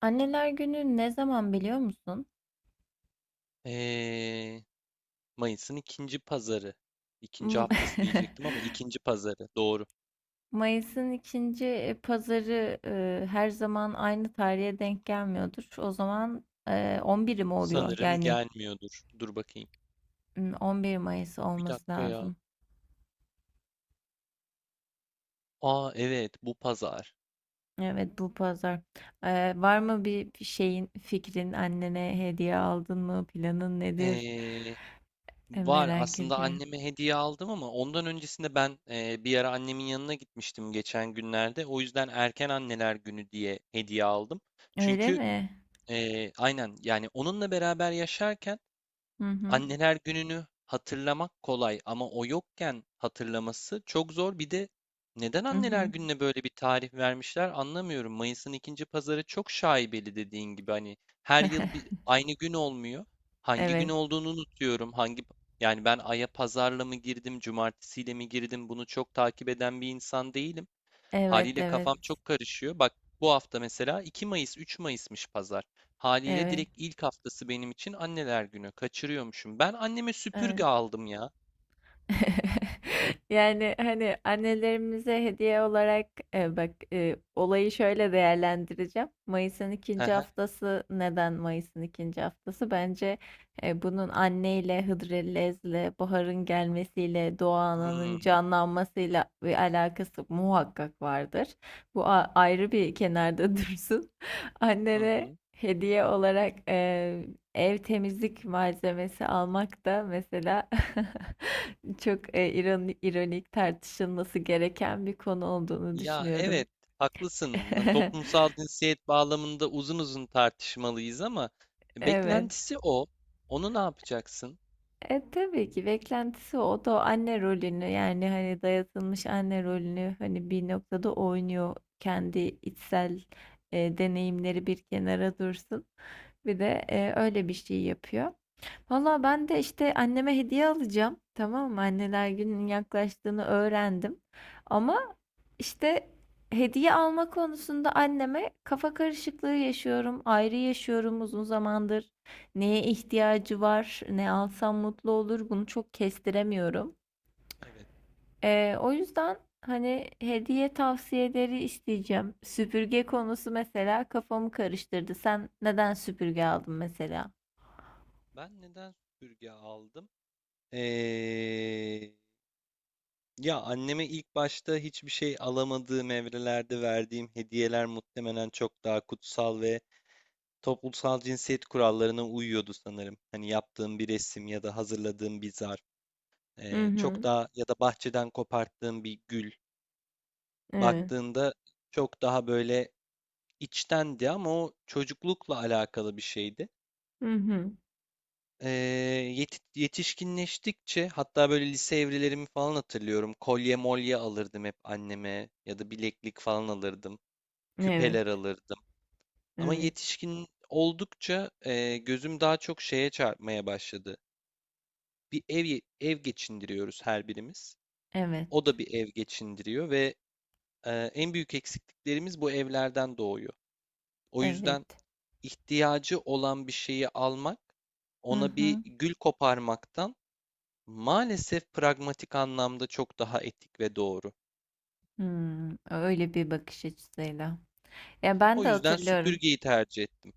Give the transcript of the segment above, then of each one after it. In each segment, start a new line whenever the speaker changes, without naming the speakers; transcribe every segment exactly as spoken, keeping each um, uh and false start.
Anneler Günü ne zaman biliyor musun?
Ee, Mayıs'ın ikinci pazarı. İkinci
M-
haftası diyecektim ama ikinci pazarı. Doğru.
Mayıs'ın ikinci pazarı e, her zaman aynı tarihe denk gelmiyordur. O zaman e, on biri mi oluyor?
Sanırım
Yani
gelmiyordur. Dur bakayım.
m, on bir Mayıs
Bir
olması
dakika ya.
lazım.
Aa evet bu pazar.
Evet bu pazar. E, var mı bir bir şeyin fikrin annene hediye aldın mı? Planın nedir?
Ee,
E,
Var
merak
aslında
ediyorum.
anneme hediye aldım ama ondan öncesinde ben e, bir ara annemin yanına gitmiştim geçen günlerde. O yüzden erken anneler günü diye hediye aldım.
Öyle
Çünkü
mi?
e, aynen yani onunla beraber yaşarken
Hı hı.
anneler gününü hatırlamak kolay ama o yokken hatırlaması çok zor. Bir de neden
Hı
anneler
hı.
gününe böyle bir tarih vermişler anlamıyorum. Mayıs'ın ikinci pazarı çok şaibeli, dediğin gibi, hani her yıl bir aynı gün olmuyor. Hangi gün
Evet.
olduğunu unutuyorum. Hangi yani ben aya pazarla mı girdim, cumartesiyle mi girdim, bunu çok takip eden bir insan değilim.
Evet,
Haliyle
evet.
kafam çok karışıyor. Bak, bu hafta mesela iki Mayıs, üç Mayıs'mış pazar. Haliyle
Evet.
direkt ilk haftası benim için Anneler Günü. Kaçırıyormuşum. Ben anneme
Evet.
süpürge aldım ya.
Yani hani annelerimize hediye olarak e, bak, e, olayı şöyle değerlendireceğim. Mayıs'ın
Hı
ikinci
hı.
haftası neden Mayıs'ın ikinci haftası? Bence e, bunun anneyle, Hıdrellez'le, baharın gelmesiyle, doğanın
Hmm,
canlanmasıyla bir alakası muhakkak vardır. Bu a- ayrı bir kenarda dursun.
hı
Annene
hı.
hediye olarak e, ev temizlik malzemesi almak da mesela çok e, ironi- ironik, tartışılması gereken bir konu olduğunu
Ya
düşünüyorum.
evet, haklısın. Lan, toplumsal cinsiyet bağlamında uzun uzun tartışmalıyız ama
Evet.
beklentisi o. Onu ne yapacaksın?
E, tabii ki beklentisi o. O da anne rolünü, yani hani dayatılmış anne rolünü hani bir noktada oynuyor, kendi içsel e, deneyimleri bir kenara dursun. Bir de e, öyle bir şey yapıyor. Valla ben de işte anneme hediye alacağım. Tamam mı? Anneler gününün
Hı,
yaklaştığını öğrendim. Ama işte hediye alma konusunda anneme kafa karışıklığı yaşıyorum. Ayrı yaşıyorum uzun zamandır. Neye ihtiyacı var? Ne alsam mutlu olur? Bunu çok kestiremiyorum.
evet.
Ee, o yüzden hani hediye tavsiyeleri isteyeceğim. Süpürge konusu mesela kafamı karıştırdı. Sen neden süpürge aldın mesela?
Ben neden süpürge aldım? Ee, Ya anneme ilk başta hiçbir şey alamadığım evrelerde verdiğim hediyeler muhtemelen çok daha kutsal ve toplumsal cinsiyet kurallarına uyuyordu sanırım. Hani yaptığım bir resim ya da hazırladığım bir zarf,
Hı
eee, çok
hı.
daha ya da bahçeden koparttığım bir gül.
Evet.
Baktığında çok daha böyle içtendi ama o çocuklukla alakalı bir şeydi.
Hı hı.
Eee, yeti- Yetişkinleştikçe, hatta böyle lise evrelerimi falan hatırlıyorum. Kolye molye alırdım hep anneme ya da bileklik falan alırdım. Küpeler
Evet.
alırdım. Ama
Evet.
yetişkin oldukça e, gözüm daha çok şeye çarpmaya başladı. Bir ev ev geçindiriyoruz her birimiz.
Evet,
O da bir ev geçindiriyor ve e, en büyük eksikliklerimiz bu evlerden doğuyor. O
evet.
yüzden ihtiyacı olan bir şeyi almak,
Hı
ona bir
hı.
gül koparmaktan maalesef pragmatik anlamda çok daha etik ve doğru.
Hımm, öyle bir bakış açısıyla. Ya, ben
O
de
yüzden
hatırlıyorum.
süpürgeyi tercih ettim.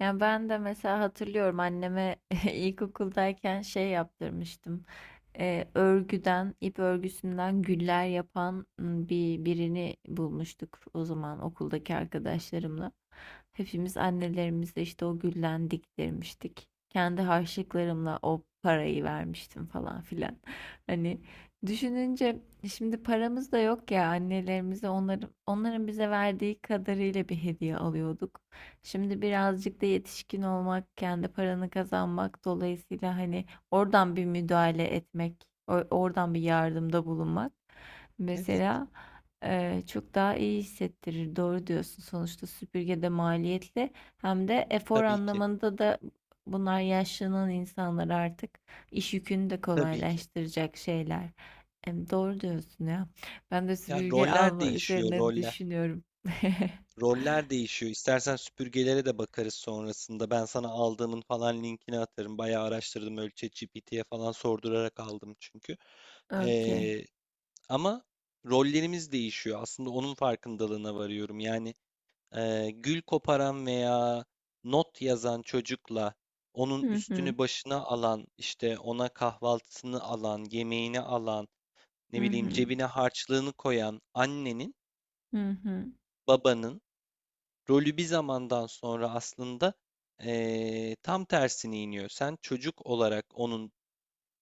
Yani ben de mesela hatırlıyorum, anneme ilkokuldayken şey yaptırmıştım. Ee, örgüden, ip örgüsünden güller yapan m, bir birini bulmuştuk o zaman okuldaki arkadaşlarımla. Hepimiz annelerimizle işte o gülden diktirmiştik. Kendi harçlıklarımla o parayı vermiştim falan filan. Hani düşününce, şimdi paramız da yok ya, annelerimize onların onların bize verdiği kadarıyla bir hediye alıyorduk. Şimdi birazcık da yetişkin olmak, kendi paranı kazanmak dolayısıyla hani oradan bir müdahale etmek, o- oradan bir yardımda bulunmak
Evet,
mesela eee, çok daha iyi hissettirir. Doğru diyorsun. Sonuçta süpürge de maliyetli, hem de efor
tabii ki.
anlamında da bunlar yaşlanan insanlar, artık iş yükünü de
Tabii ki.
kolaylaştıracak şeyler. Em, Doğru diyorsun ya. Ben de
Ya
süpürge
roller
alma
değişiyor,
üzerine
roller.
düşünüyorum.
Roller değişiyor. İstersen süpürgelere de bakarız sonrasında. Ben sana aldığımın falan linkini atarım. Bayağı araştırdım. Öyle ChatGPT'ye falan sordurarak aldım çünkü.
Okey.
Ee, Ama rollerimiz değişiyor. Aslında onun farkındalığına varıyorum. Yani e, gül koparan veya not yazan çocukla onun
Hı hı.
üstünü başına alan, işte ona kahvaltısını alan, yemeğini alan,
Hı
ne bileyim
hı.
cebine harçlığını koyan annenin,
Hı hı.
babanın rolü bir zamandan sonra aslında eee, tam tersine iniyor. Sen çocuk olarak onun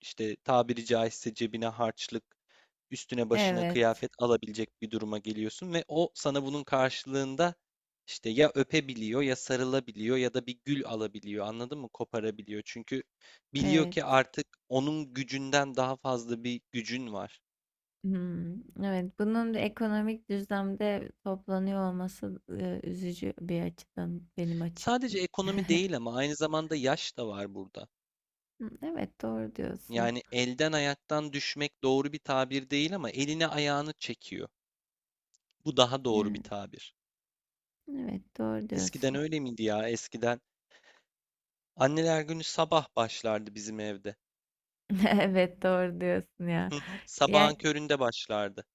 işte tabiri caizse cebine harçlık, üstüne başına
Evet.
kıyafet alabilecek bir duruma geliyorsun ve o sana bunun karşılığında işte ya öpebiliyor ya sarılabiliyor ya da bir gül alabiliyor. Anladın mı? Koparabiliyor. Çünkü biliyor
Evet.
ki artık onun gücünden daha fazla bir gücün var.
Hmm, evet. Bunun da ekonomik düzlemde toplanıyor olması e, üzücü bir açıdan benim açı.
Sadece ekonomi değil, ama aynı zamanda yaş da var burada.
Hı, evet, doğru diyorsun.
Yani elden ayaktan düşmek doğru bir tabir değil ama elini ayağını çekiyor. Bu daha doğru bir
Evet,
tabir.
evet doğru
Eskiden
diyorsun.
öyle miydi ya? Eskiden anneler günü sabah başlardı bizim evde.
Evet, doğru diyorsun ya.
Hı hı,
Ya,
sabahın köründe başlardı.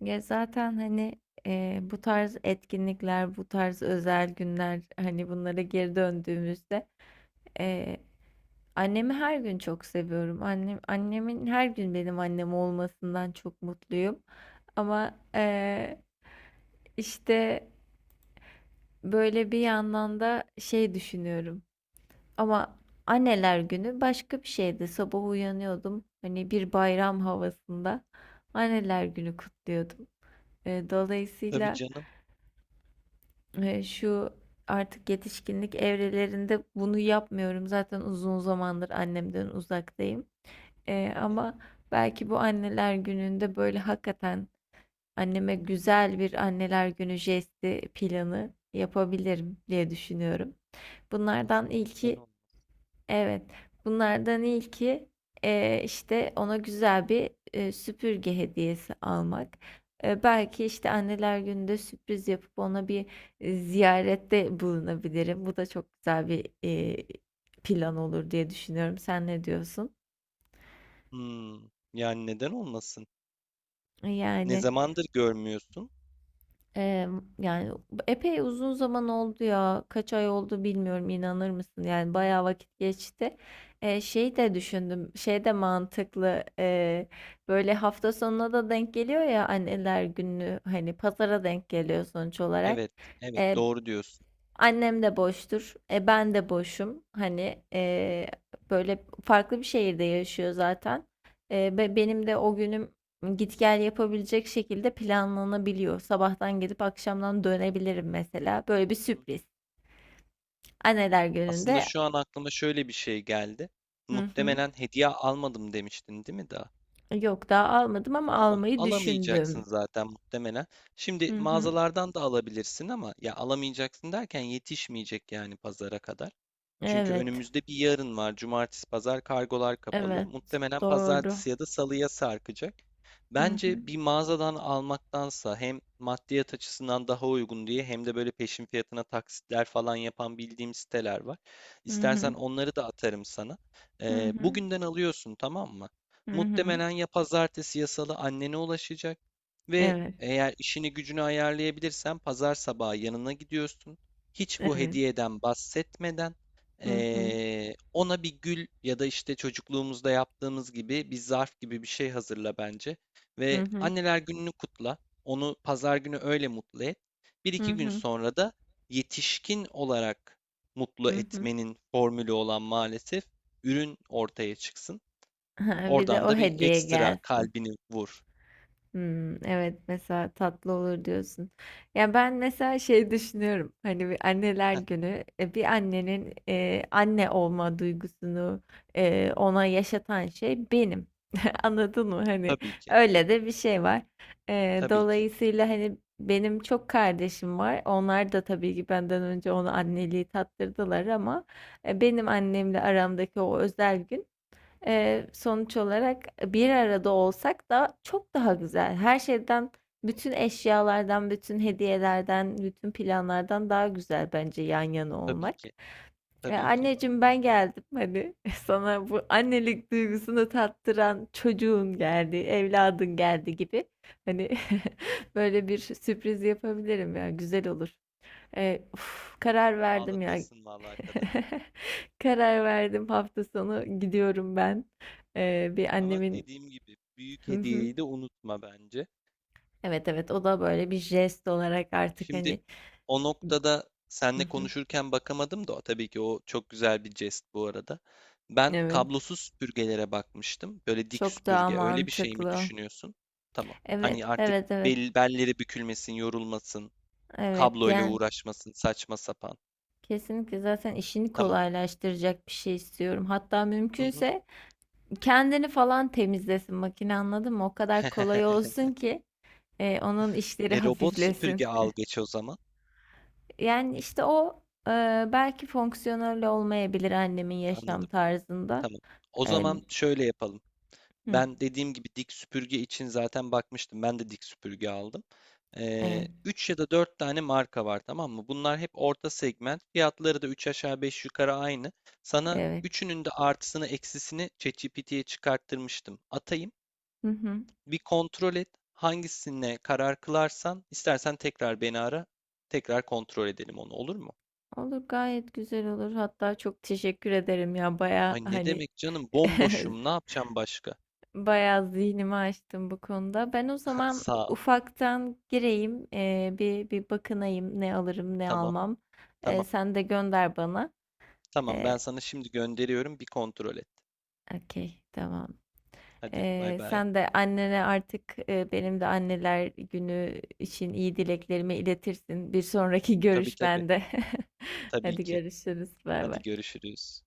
ya zaten hani e, bu tarz etkinlikler, bu tarz özel günler, hani bunlara geri döndüğümüzde. Annemi her gün çok seviyorum. Annem, annemin her gün benim annem olmasından çok mutluyum. Ama eee, işte böyle bir yandan da şey düşünüyorum. Ama anneler günü başka bir şeydi. Sabah uyanıyordum. Hani bir bayram havasında anneler günü kutluyordum. Eee,
Tabii
dolayısıyla
canım.
eee, şu artık yetişkinlik evrelerinde bunu yapmıyorum. Zaten uzun zamandır annemden uzaktayım. Eee,
Evet.
ama belki bu Anneler Günü'nde böyle hakikaten anneme güzel bir Anneler Günü jesti planı yapabilirim diye düşünüyorum. Bunlardan
Aslında neden
ilki,
olmasın?
evet, bunlardan ilki eee, işte ona güzel bir eee, süpürge hediyesi almak. Eee, belki işte Anneler Günü'nde sürpriz yapıp ona bir e, ziyarette bulunabilirim. Bu da çok güzel bir eee, plan olur diye düşünüyorum. Sen ne diyorsun?
Hmm, yani neden olmasın? Ne
Yani.
zamandır görmüyorsun?
Eee, Yani epey uzun zaman oldu ya. Kaç ay oldu bilmiyorum, inanır mısın? Yani bayağı vakit geçti. Eee, şey de düşündüm. Şey de mantıklı. Eee, böyle hafta sonuna da denk geliyor ya anneler günü. Hani pazara denk geliyor sonuç olarak.
Evet, evet
Ee,
doğru diyorsun.
Annem de boştur. E ben de boşum. Hani e, böyle farklı bir şehirde yaşıyor zaten. E, be- benim de o günüm git gel yapabilecek şekilde planlanabiliyor. Sabahtan gidip akşamdan dönebilirim
Hı
mesela. Böyle bir
hı hı.
sürpriz. Anneler
Aslında
gününde.
şu an aklıma şöyle bir şey geldi.
Hı hı.
Muhtemelen hediye almadım demiştin, değil mi daha?
Yok, daha almadım ama
Tamam,
almayı
alamayacaksın
düşündüm.
zaten muhtemelen. Şimdi
Hı hı.
mağazalardan da alabilirsin ama ya alamayacaksın derken yetişmeyecek yani pazara kadar. Çünkü
Evet.
önümüzde bir yarın var. Cumartesi, pazar kargolar kapalı.
Evet.
Muhtemelen
Doğru.
pazartesi ya da salıya sarkacak.
Hı hı.
Bence bir mağazadan almaktansa hem maddiyat açısından daha uygun diye, hem de böyle peşin fiyatına taksitler falan yapan bildiğim siteler var.
Hı
İstersen
hı.
onları da atarım sana.
Hı
Ee,
hı.
bugünden alıyorsun, tamam mı?
Hı hı.
Muhtemelen ya pazartesi ya salı annene ulaşacak ve
Evet.
eğer işini gücünü ayarlayabilirsen pazar sabahı yanına gidiyorsun. Hiç bu
Evet.
hediyeden bahsetmeden
Hı hı.
Eee, ona bir gül ya da işte çocukluğumuzda yaptığımız gibi bir zarf gibi bir şey hazırla bence.
Hı
Ve
hı.
anneler gününü kutla. Onu pazar günü öyle mutlu et. Bir
Hı
iki gün
hı.
sonra da yetişkin olarak mutlu
Hı hı.
etmenin formülü olan maalesef ürün ortaya çıksın.
Ha, bir de
Oradan
o
da bir
hediye
ekstra
gelsin.
kalbini vur.
Hmm, evet, mesela tatlı olur diyorsun. Ya ben mesela şey düşünüyorum. Hani bir anneler
Heh,
günü, e, bir annenin e, anne olma duygusunu e, ona yaşatan şey benim. Anladın mı? Hani
tabii ki,
öyle de bir şey var. E,
tabii ki,
dolayısıyla hani benim çok kardeşim var. Onlar da tabii ki benden önce ona anneliği tattırdılar, ama e, benim annemle aramdaki o özel gün, Eee, sonuç olarak bir arada olsak da çok daha güzel. Her şeyden, bütün eşyalardan, bütün hediyelerden, bütün planlardan daha güzel bence yan yana
tabii
olmak.
ki,
E,
tabii ki.
anneciğim ben geldim hani, sana bu annelik duygusunu tattıran çocuğun geldi, evladın geldi gibi. Hani böyle bir sürpriz yapabilirim ya, güzel olur.
Evet,
E, uf, karar verdim ya.
ağlatırsın vallahi kadını.
Karar verdim, hafta sonu gidiyorum ben.
Tamam.
E, bir
Ama
annemin.
dediğim gibi büyük
Hı hı.
hediyeyi de unutma bence.
Evet, evet, o da böyle bir jest olarak artık
Şimdi
hani.
o noktada
Hı
seninle
hı.
konuşurken bakamadım da, tabii ki o çok güzel bir jest bu arada. Ben
Evet.
kablosuz süpürgelere bakmıştım. Böyle dik
Çok daha
süpürge. Öyle bir şey mi
mantıklı.
düşünüyorsun? Tamam. Hani
Evet,
artık
evet, evet.
bel, belleri bükülmesin, yorulmasın,
Evet,
kabloyla
yani
uğraşmasın, saçma sapan.
kesinlikle zaten işini
Tamam.
kolaylaştıracak bir şey istiyorum. Hatta
Hı hı.
mümkünse kendini falan temizlesin makine, anladın mı? O kadar kolay olsun ki e, onun işleri
E, robot
hafiflesin.
süpürge al geç o zaman.
Yani işte o, e, belki fonksiyonel olmayabilir annemin yaşam
Anladım.
tarzında.
Tamam. O
E,
zaman şöyle yapalım.
hı,
Ben dediğim gibi dik süpürge için zaten bakmıştım. Ben de dik süpürge aldım.
evet,
Üç ya da dört tane marka var, tamam mı? Bunlar hep orta segment. Fiyatları da üç aşağı beş yukarı aynı. Sana
evet.
üçünün de artısını eksisini ChatGPT'ye çıkarttırmıştım. Atayım.
Hı hı.
Bir kontrol et. Hangisine karar kılarsan istersen tekrar beni ara. Tekrar kontrol edelim onu, olur mu?
Olur, gayet güzel olur. Hatta çok teşekkür ederim ya, baya
Ay ne
hani
demek canım, bomboşum, ne yapacağım başka?
baya zihnimi açtım bu konuda. Ben o zaman
Sağ ol.
ufaktan gireyim, e, bir bir bakınayım ne alırım ne
Tamam,
almam. E,
tamam
sen de gönder bana.
tamam
E,
ben sana şimdi gönderiyorum, bir kontrol et.
Okey, tamam.
Hadi bay
Ee,
bay.
sen de annene artık, e, benim de anneler günü için iyi dileklerimi iletirsin bir sonraki
Tabii tabii.
görüşmende.
Tabii
Hadi
ki.
görüşürüz. Bay
Hadi
bay.
görüşürüz.